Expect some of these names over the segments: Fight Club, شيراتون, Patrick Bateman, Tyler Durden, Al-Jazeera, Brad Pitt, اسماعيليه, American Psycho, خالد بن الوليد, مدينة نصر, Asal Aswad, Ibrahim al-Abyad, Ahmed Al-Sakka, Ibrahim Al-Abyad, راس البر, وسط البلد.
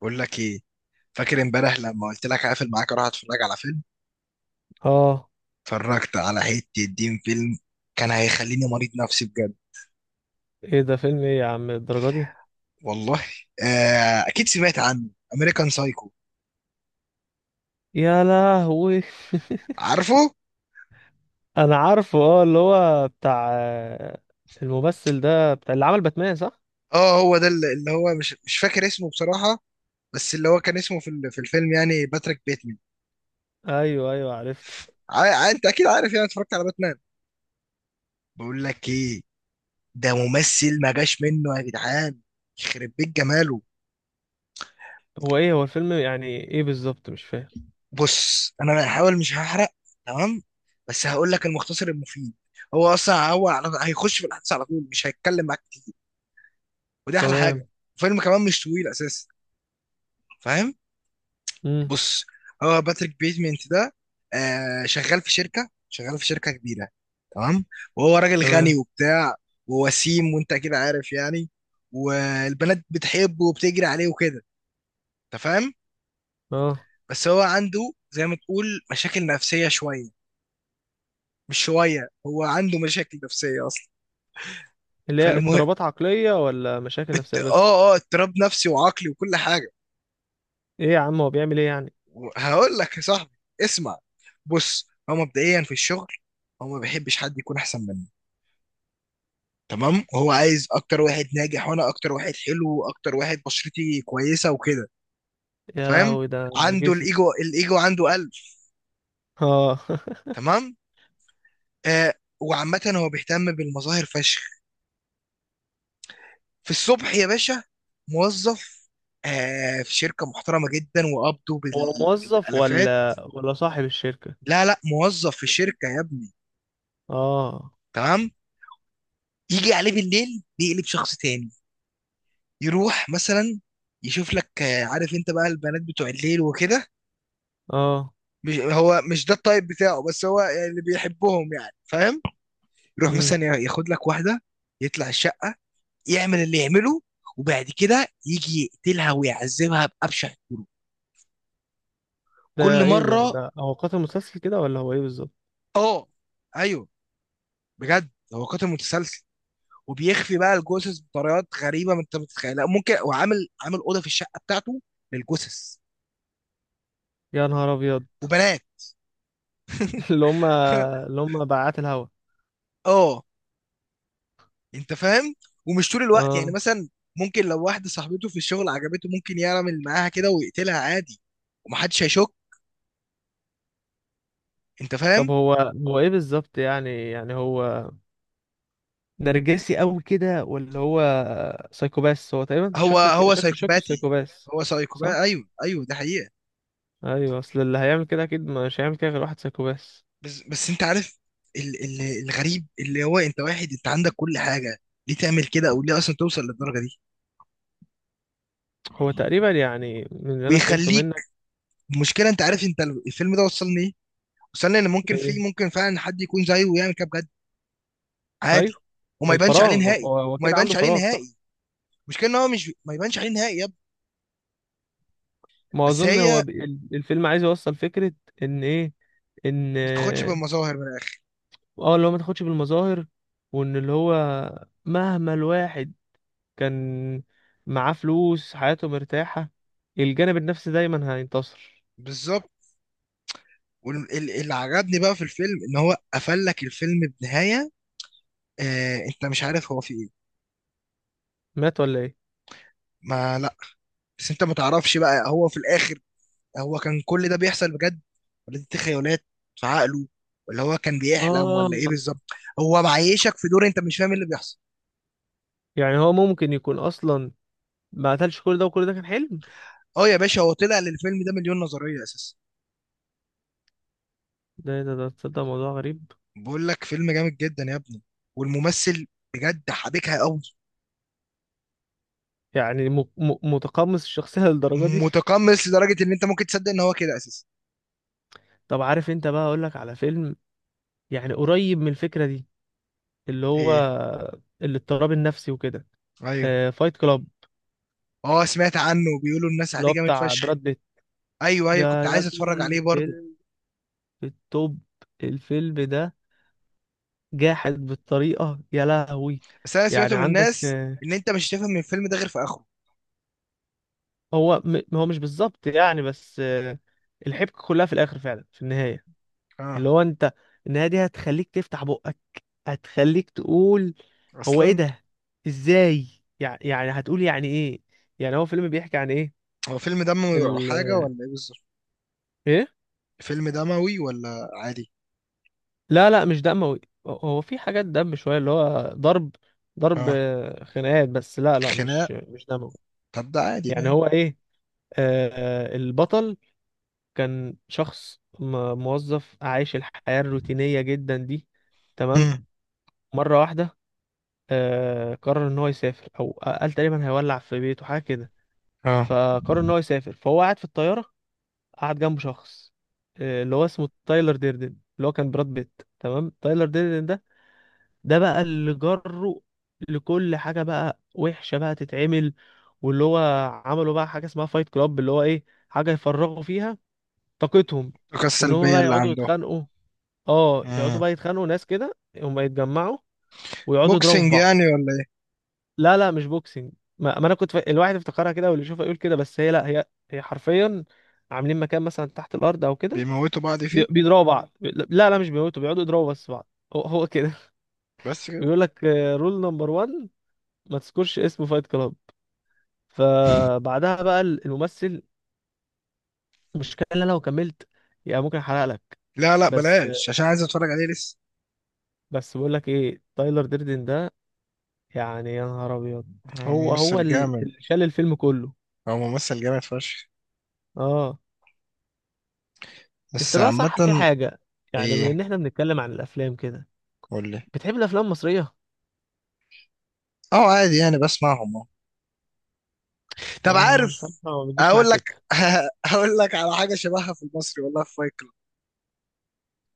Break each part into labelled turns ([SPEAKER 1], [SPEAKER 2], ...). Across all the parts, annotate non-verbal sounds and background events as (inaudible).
[SPEAKER 1] بقول لك ايه؟ فاكر امبارح لما قلت لك هقفل معاك اروح اتفرج على فيلم؟
[SPEAKER 2] اه،
[SPEAKER 1] اتفرجت على حته دين فيلم. كان هيخليني مريض نفسي بجد.
[SPEAKER 2] ايه ده؟ فيلم ايه يا عم الدرجة دي؟
[SPEAKER 1] والله، آه اكيد سمعت عنه، امريكان سايكو.
[SPEAKER 2] يا لهوي.
[SPEAKER 1] عارفه؟
[SPEAKER 2] انا عارفه. اه اللي هو بتاع الممثل ده بتاع اللي عمل باتمان، صح؟
[SPEAKER 1] اه هو ده، اللي هو مش فاكر اسمه بصراحه. بس اللي هو كان اسمه في الفيلم يعني باتريك بيتمان.
[SPEAKER 2] ايوه ايوه، عرفته.
[SPEAKER 1] انت اكيد عارف، يعني اتفرجت على باتمان. بقول لك ايه، ده ممثل ما جاش منه يا جدعان، يخرب بيت جماله.
[SPEAKER 2] هو ايه هو الفيلم يعني ايه بالظبط؟ مش فاهم.
[SPEAKER 1] بص، انا هحاول مش هحرق. تمام؟ بس هقول لك المختصر المفيد. هو اصلا هو هيخش في الاحداث على طول، مش هيتكلم معاك كتير، ودي احلى
[SPEAKER 2] تمام.
[SPEAKER 1] حاجه. الفيلم كمان مش طويل اساسا، فاهم؟
[SPEAKER 2] امم.
[SPEAKER 1] بص، هو باتريك بيتمنت ده، آه، شغال في شركه، شغال في شركه كبيره. تمام؟ وهو راجل غني
[SPEAKER 2] تمام.
[SPEAKER 1] وبتاع، ووسيم، وانت كده عارف يعني. والبنات بتحبه وبتجري عليه وكده، انت فاهم.
[SPEAKER 2] اه،
[SPEAKER 1] بس هو عنده، زي ما تقول، مشاكل نفسيه شويه. مش شوية، هو عنده مشاكل نفسية أصلا.
[SPEAKER 2] اللي هي
[SPEAKER 1] فالمهم،
[SPEAKER 2] اضطرابات عقلية ولا مشاكل نفسية بس؟
[SPEAKER 1] آه آه، اضطراب نفسي وعقلي وكل حاجة.
[SPEAKER 2] ايه يا عم، هو بيعمل ايه يعني؟
[SPEAKER 1] هقول لك يا صاحبي، اسمع. بص، هو مبدئيا في الشغل، هو ما بيحبش حد يكون أحسن منه. تمام؟ هو عايز أكتر واحد ناجح، وأنا أكتر واحد حلو، وأكتر واحد بشرتي كويسة وكده،
[SPEAKER 2] يا
[SPEAKER 1] فاهم؟
[SPEAKER 2] لهوي، ده
[SPEAKER 1] عنده
[SPEAKER 2] نرجسي.
[SPEAKER 1] الإيجو، الإيجو عنده قلب.
[SPEAKER 2] اه (laughs)
[SPEAKER 1] تمام؟ آه. وعامة هو بيهتم بالمظاهر فشخ. في الصبح يا باشا موظف، آه، في شركة محترمة جدا، وقبضه
[SPEAKER 2] هو موظف
[SPEAKER 1] بالآلافات.
[SPEAKER 2] ولا صاحب الشركة؟
[SPEAKER 1] لا لا، موظف في شركة يا ابني.
[SPEAKER 2] اه.
[SPEAKER 1] تمام؟ يجي عليه بالليل يقلب شخص تاني. يروح مثلا يشوف لك، آه، عارف انت بقى البنات بتوع الليل وكده.
[SPEAKER 2] اه.
[SPEAKER 1] مش هو مش ده الطيب بتاعه، بس هو يعني اللي بيحبهم يعني، فاهم؟ يروح
[SPEAKER 2] مم.
[SPEAKER 1] مثلا ياخد لك واحدة، يطلع الشقة، يعمل اللي يعمله، وبعد كده يجي يقتلها ويعذبها بأبشع الطرق، كل
[SPEAKER 2] ده ايه ده
[SPEAKER 1] مرة.
[SPEAKER 2] ده هو قاتل مسلسل كده ولا هو ايه بالظبط؟
[SPEAKER 1] اه، ايوه، بجد هو قاتل متسلسل. وبيخفي بقى الجثث بطريقات غريبه، ما انت متتخيلها. ممكن، وعامل عامل اوضه في الشقه بتاعته للجثث
[SPEAKER 2] يا نهار ابيض.
[SPEAKER 1] وبنات.
[SPEAKER 2] (laughs) اللي هم،
[SPEAKER 1] (laughs)
[SPEAKER 2] اللي هم بعات الهوا.
[SPEAKER 1] اه انت فاهم. ومش طول الوقت يعني،
[SPEAKER 2] اه.
[SPEAKER 1] مثلا ممكن لو واحده صاحبته في الشغل عجبته، ممكن يعمل معاها كده ويقتلها عادي، ومحدش هيشك، انت
[SPEAKER 2] طب
[SPEAKER 1] فاهم.
[SPEAKER 2] هو، ايه بالظبط يعني؟ يعني هو نرجسي قوي كده، ولا هو سايكوباس؟ هو تقريبا
[SPEAKER 1] هو
[SPEAKER 2] شكلك
[SPEAKER 1] هو
[SPEAKER 2] شكله
[SPEAKER 1] سايكوباتي،
[SPEAKER 2] سايكوباس.
[SPEAKER 1] هو
[SPEAKER 2] صح.
[SPEAKER 1] سايكوباتي، ايوه ايوه، ده حقيقه.
[SPEAKER 2] ايوه، اصل اللي هيعمل كده اكيد مش هيعمل كده غير واحد سايكوباس.
[SPEAKER 1] بس بس انت عارف، ال الغريب، اللي هو انت واحد انت عندك كل حاجه، ليه تعمل كده؟ او ليه اصلا توصل للدرجه دي؟
[SPEAKER 2] هو تقريبا يعني، من اللي انا فهمته
[SPEAKER 1] ويخليك،
[SPEAKER 2] منك،
[SPEAKER 1] المشكله انت عارف انت، الفيلم ده وصلني ايه؟ وصلني ان ممكن في
[SPEAKER 2] ايه.
[SPEAKER 1] ممكن فعلا حد يكون زيه ويعمل كده بجد، عادي،
[SPEAKER 2] ايوه. من
[SPEAKER 1] وما يبانش عليه
[SPEAKER 2] الفراغ،
[SPEAKER 1] نهائي.
[SPEAKER 2] هو هو
[SPEAKER 1] وما
[SPEAKER 2] كده عنده
[SPEAKER 1] يبانش عليه
[SPEAKER 2] فراغ، صح؟
[SPEAKER 1] نهائي. المشكله ان هو مش ما يبانش عليه نهائي يا ابني.
[SPEAKER 2] ما
[SPEAKER 1] بس
[SPEAKER 2] اظن
[SPEAKER 1] هي
[SPEAKER 2] هو الفيلم عايز يوصل فكرة، ان ايه؟ ان
[SPEAKER 1] ما بتاخدش بالمظاهر من الاخر.
[SPEAKER 2] اه اللي هو ما تاخدش بالمظاهر، وان اللي هو مهما الواحد كان معاه فلوس، حياته مرتاحة، الجانب النفسي دايما هينتصر.
[SPEAKER 1] بالظبط. واللي عجبني بقى في الفيلم ان هو قفل لك الفيلم بنهايه، آه، انت مش عارف هو في ايه.
[SPEAKER 2] مات ولا ايه؟
[SPEAKER 1] ما لا، بس انت ما تعرفش بقى هو في الاخر، هو كان كل ده بيحصل بجد، ولا دي تخيلات في عقله، ولا هو كان بيحلم
[SPEAKER 2] اه.
[SPEAKER 1] ولا ايه بالظبط. هو معيشك في دور انت مش فاهم إيه اللي بيحصل.
[SPEAKER 2] يعني هو ممكن يكون اصلا ما قتلش كل ده، وكل ده كان حلم.
[SPEAKER 1] اه يا باشا، هو طلع للفيلم ده مليون نظريه اساسا.
[SPEAKER 2] ده تصدق موضوع غريب.
[SPEAKER 1] بقول لك فيلم جامد جدا يا ابني. والممثل بجد حبكها قوي.
[SPEAKER 2] يعني م م متقمص الشخصية للدرجة دي (laughs)
[SPEAKER 1] متقمص لدرجه ان انت ممكن تصدق ان هو كده اساسا.
[SPEAKER 2] طب عارف انت بقى، اقولك على فيلم يعني قريب من الفكرة دي، اللي هو
[SPEAKER 1] ايه؟
[SPEAKER 2] الاضطراب النفسي وكده.
[SPEAKER 1] ايوه.
[SPEAKER 2] آه، فايت كلاب.
[SPEAKER 1] اه سمعت عنه، بيقولوا الناس
[SPEAKER 2] اللي هو
[SPEAKER 1] عليه جامد
[SPEAKER 2] بتاع
[SPEAKER 1] فشخ.
[SPEAKER 2] براد بيت.
[SPEAKER 1] ايوه
[SPEAKER 2] ده
[SPEAKER 1] ايوه، كنت
[SPEAKER 2] يا
[SPEAKER 1] عايز اتفرج عليه
[SPEAKER 2] ابني
[SPEAKER 1] برضه.
[SPEAKER 2] فيلم في التوب. الفيلم ده جاحد بالطريقة، يا لهوي.
[SPEAKER 1] بس انا
[SPEAKER 2] يعني
[SPEAKER 1] سمعته من
[SPEAKER 2] عندك
[SPEAKER 1] الناس ان انت مش هتفهم من الفيلم ده غير في اخره.
[SPEAKER 2] هو هو مش بالظبط يعني، بس الحبكة كلها في الآخر، فعلا في النهاية.
[SPEAKER 1] اه.
[SPEAKER 2] اللي هو أنت، النهاية دي هتخليك تفتح بقك، هتخليك تقول هو إيه
[SPEAKER 1] اصلا
[SPEAKER 2] ده، إزاي؟ يعني هتقول يعني إيه؟ يعني هو فيلم بيحكي عن إيه؟
[SPEAKER 1] هو فيلم دموي او
[SPEAKER 2] ال،
[SPEAKER 1] حاجه، ولا ايه بالظبط؟
[SPEAKER 2] إيه.
[SPEAKER 1] فيلم دموي ولا عادي؟
[SPEAKER 2] لا لا، مش دموي. هو في حاجات دم شوية، اللي هو ضرب، ضرب
[SPEAKER 1] اه،
[SPEAKER 2] آه، خناقات، بس لا لا،
[SPEAKER 1] خناق.
[SPEAKER 2] مش مش دموي.
[SPEAKER 1] طب ده عادي
[SPEAKER 2] يعني
[SPEAKER 1] ده.
[SPEAKER 2] هو ايه، البطل كان شخص موظف عايش الحياة الروتينية جدا دي، تمام؟
[SPEAKER 1] امم.
[SPEAKER 2] مرة واحدة آه، قرر ان هو يسافر، او قال تقريبا هيولع في بيته حاجة كده.
[SPEAKER 1] اه،
[SPEAKER 2] فقرر ان هو يسافر، فهو قاعد في الطيارة، قعد جنبه شخص آه، اللي هو اسمه تايلر ديردن، اللي هو كان براد بيت. تمام. تايلر ديردن ده، ده بقى اللي جره لكل حاجة بقى وحشة بقى تتعمل. واللي هو عملوا بقى حاجة اسمها فايت كلاب، اللي هو ايه، حاجة يفرغوا فيها طاقتهم،
[SPEAKER 1] الطاقه
[SPEAKER 2] ان هم
[SPEAKER 1] السلبيه
[SPEAKER 2] بقى
[SPEAKER 1] اللي
[SPEAKER 2] يقعدوا يتخانقوا. اه، يقعدوا
[SPEAKER 1] عندهم.
[SPEAKER 2] بقى يتخانقوا، ناس كده هم يتجمعوا ويقعدوا يضربوا في
[SPEAKER 1] بوكسنج يعني،
[SPEAKER 2] بعض.
[SPEAKER 1] ولا ايه؟
[SPEAKER 2] لا لا، مش بوكسنج. ما انا كنت ف... الواحد افتكرها كده، واللي يشوفها يقول كده، بس هي لا، هي هي حرفيا عاملين مكان مثلا تحت الارض او كده.
[SPEAKER 1] بيموتوا بعض فيه؟
[SPEAKER 2] بيضربوا بعض، لا لا مش بيموتوا، بيقعدوا يضربوا بس بعض. هو كده.
[SPEAKER 1] بس
[SPEAKER 2] (laughs)
[SPEAKER 1] كده؟
[SPEAKER 2] بيقول لك رول نمبر 1، ما تذكرش اسم فايت كلاب. فبعدها بقى الممثل، المشكله ان انا لو كملت يعني ممكن احرق لك.
[SPEAKER 1] لا لا،
[SPEAKER 2] بس
[SPEAKER 1] بلاش، عشان عايز اتفرج عليه لسه.
[SPEAKER 2] بس بقول لك ايه، تايلر ديردن ده يعني يا نهار ابيض.
[SPEAKER 1] هو
[SPEAKER 2] هو هو
[SPEAKER 1] ممثل جامد.
[SPEAKER 2] اللي شال الفيلم كله.
[SPEAKER 1] هو ممثل جامد فشخ.
[SPEAKER 2] اه. انت
[SPEAKER 1] بس
[SPEAKER 2] بقى
[SPEAKER 1] عامة.
[SPEAKER 2] صح في حاجه، يعني بما ان
[SPEAKER 1] ايه؟
[SPEAKER 2] احنا بنتكلم عن الافلام كده،
[SPEAKER 1] قول لي.
[SPEAKER 2] بتحب الافلام المصريه؟
[SPEAKER 1] اه عادي يعني، بسمعهم اه. طب
[SPEAKER 2] انا
[SPEAKER 1] عارف
[SPEAKER 2] بصراحه ما بتجيش معايا
[SPEAKER 1] اقول لك
[SPEAKER 2] سكه.
[SPEAKER 1] (laughs) هقول لك على حاجة شبهها في المصري، والله، في فايت كلاب.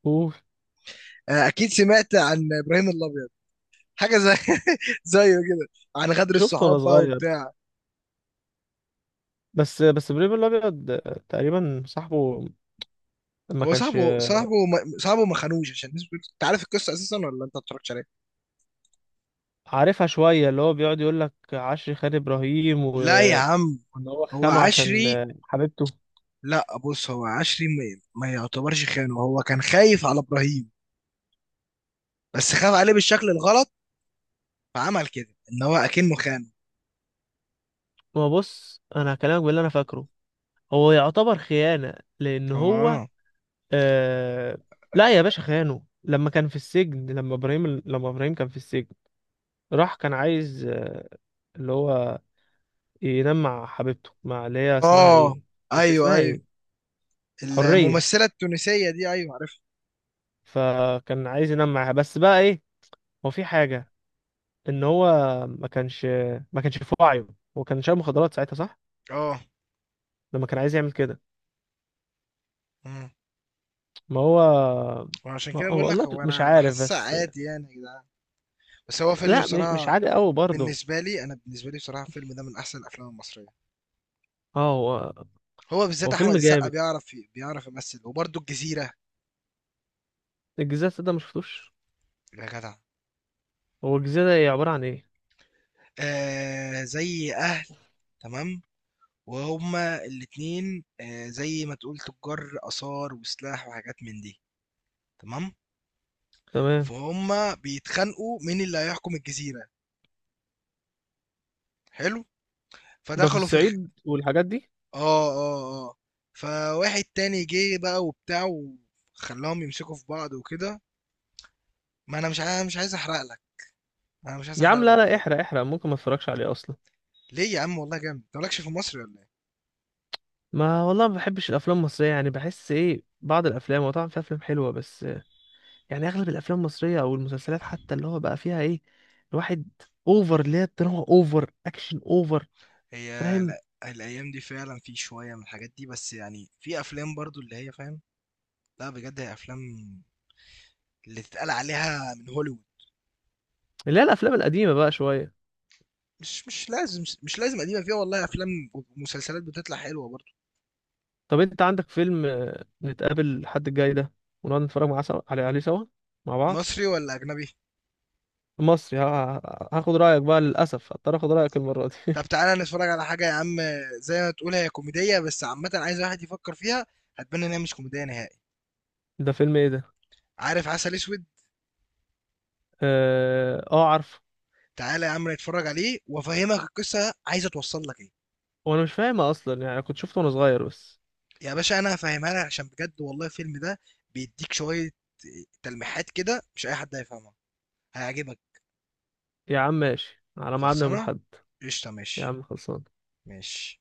[SPEAKER 2] اوف.
[SPEAKER 1] اكيد سمعت عن ابراهيم الابيض. حاجة زي، (laughs) زيه كده، عن غدر
[SPEAKER 2] شفته وانا
[SPEAKER 1] الصحاب بقى
[SPEAKER 2] صغير،
[SPEAKER 1] وبتاع.
[SPEAKER 2] بس بس ابراهيم الابيض تقريبا صاحبه ما
[SPEAKER 1] هو
[SPEAKER 2] كانش.
[SPEAKER 1] صاحبه، صاحبه ما خانوش، عشان الناس بتقول، انت عارف القصة اساسا ولا انت ما اتفرجتش عليها؟
[SPEAKER 2] عارفها شوية، اللي هو بيقعد يقول لك عشري خان إبراهيم و...
[SPEAKER 1] لا يا عم،
[SPEAKER 2] وإن هو
[SPEAKER 1] هو
[SPEAKER 2] خانه عشان
[SPEAKER 1] عشري.
[SPEAKER 2] حبيبته.
[SPEAKER 1] لا بص، هو عشري ما يعتبرش خانه. هو كان خايف على ابراهيم، بس خاف عليه بالشكل الغلط، فعمل كده ان هو اكنه خانه.
[SPEAKER 2] ما بص، أنا هكلمك باللي أنا فاكره. هو يعتبر خيانة، لأن
[SPEAKER 1] هو
[SPEAKER 2] هو
[SPEAKER 1] اه.
[SPEAKER 2] آه... لا يا باشا، خانه لما كان في السجن. لما إبراهيم، لما إبراهيم كان في السجن، راح كان عايز آه، اللي هو ينام مع حبيبته، مع اللي هي اسمها
[SPEAKER 1] اه.
[SPEAKER 2] إيه؟ كان
[SPEAKER 1] ايوه
[SPEAKER 2] اسمها
[SPEAKER 1] ايوه.
[SPEAKER 2] إيه؟ حرية.
[SPEAKER 1] الممثله التونسيه دي، ايوه عارفها.
[SPEAKER 2] فكان عايز ينام معاها، بس بقى إيه، هو في حاجة ان هو ما كانش، ما كانش في وعيه، هو كان شارب مخدرات ساعتها، صح؟
[SPEAKER 1] اه.
[SPEAKER 2] لما كان عايز يعمل كده.
[SPEAKER 1] مم.
[SPEAKER 2] ما هو.
[SPEAKER 1] وعشان
[SPEAKER 2] ما
[SPEAKER 1] كده
[SPEAKER 2] هو
[SPEAKER 1] بقول لك
[SPEAKER 2] والله
[SPEAKER 1] هو،
[SPEAKER 2] مش
[SPEAKER 1] انا
[SPEAKER 2] عارف،
[SPEAKER 1] حاسسها
[SPEAKER 2] بس
[SPEAKER 1] عادي يعني يا جدعان. بس هو فيلم
[SPEAKER 2] لا مش مش
[SPEAKER 1] بصراحه.
[SPEAKER 2] عادي قوي برضه.
[SPEAKER 1] بالنسبه لي بصراحه، الفيلم ده من احسن الافلام المصريه.
[SPEAKER 2] اه. هو
[SPEAKER 1] هو بالذات
[SPEAKER 2] هو
[SPEAKER 1] احمد
[SPEAKER 2] فيلم
[SPEAKER 1] السقا
[SPEAKER 2] جامد.
[SPEAKER 1] بيعرف بيعرف يمثل. وبرده الجزيره،
[SPEAKER 2] الجزيرة السوداء ما شفتوش؟
[SPEAKER 1] يا جدع.
[SPEAKER 2] هو الجزيرة هي عبارة عن ايه؟
[SPEAKER 1] آه زي اهل. تمام. وهما الاتنين، آه، زي ما تقول تجار آثار وسلاح وحاجات من دي. تمام.
[SPEAKER 2] تمام.
[SPEAKER 1] فهم بيتخانقوا مين اللي هيحكم الجزيرة. حلو.
[SPEAKER 2] ده في
[SPEAKER 1] فدخلوا في
[SPEAKER 2] الصعيد والحاجات دي.
[SPEAKER 1] اه اه. اه. فواحد تاني جه بقى وبتاع، وخلاهم يمسكوا في بعض وكده. ما انا مش عايز احرق لك. انا مش عايز
[SPEAKER 2] يا
[SPEAKER 1] احرق
[SPEAKER 2] عم لا
[SPEAKER 1] لك
[SPEAKER 2] لا،
[SPEAKER 1] بجد.
[SPEAKER 2] احرق احرق، ممكن ما اتفرجش عليه اصلا.
[SPEAKER 1] ليه يا عم، والله جامد، انت مالكش في مصر ولا ايه؟
[SPEAKER 2] ما والله ما بحبش الافلام المصرية يعني، بحس ايه، بعض الافلام، وطبعا في افلام حلوة، بس يعني اغلب الافلام المصريه او المسلسلات حتى، اللي هو بقى فيها ايه، الواحد اوفر، اللي هي الدراما اوفر، اكشن اوفر.
[SPEAKER 1] هي لا،
[SPEAKER 2] فاهم.
[SPEAKER 1] الايام دي فعلا في شوية من الحاجات دي، بس يعني في افلام برضو اللي هي فاهم. لا بجد، هي افلام اللي تتقال عليها من هوليوود.
[SPEAKER 2] اللي هي الافلام القديمه بقى شويه.
[SPEAKER 1] مش لازم قديمه، فيها والله افلام ومسلسلات بتطلع حلوه برضه.
[SPEAKER 2] طب انت عندك فيلم نتقابل الحد الجاي ده ونقعد نتفرج معاه عليه عليه سوا، مع بعض؟
[SPEAKER 1] مصري ولا اجنبي؟
[SPEAKER 2] مصري هاخد رايك بقى، للاسف هضطر اخد رايك المره دي.
[SPEAKER 1] طب تعالى نتفرج على حاجه يا عم، زي ما تقول هي كوميديه، بس عامه عايز واحد يفكر فيها. هتبان ان هي مش كوميديه نهائي.
[SPEAKER 2] (laughs) ده فيلم ايه ده؟
[SPEAKER 1] عارف عسل اسود؟
[SPEAKER 2] اه، عارفه.
[SPEAKER 1] تعالى يا عم نتفرج عليه، وافهمك القصه عايزه توصل لك ايه.
[SPEAKER 2] وانا مش فاهمها اصلا يعني، كنت شفته وانا صغير بس.
[SPEAKER 1] يا باشا انا هفهمها لك، عشان بجد والله الفيلم ده بيديك شويه تلميحات كده مش اي حد هيفهمها. هيعجبك.
[SPEAKER 2] يا عم ماشي، على ميعادنا يوم
[SPEAKER 1] خلصانه.
[SPEAKER 2] الاحد.
[SPEAKER 1] قشطه، ماشي.
[SPEAKER 2] يا عم خلصان.
[SPEAKER 1] ماشي.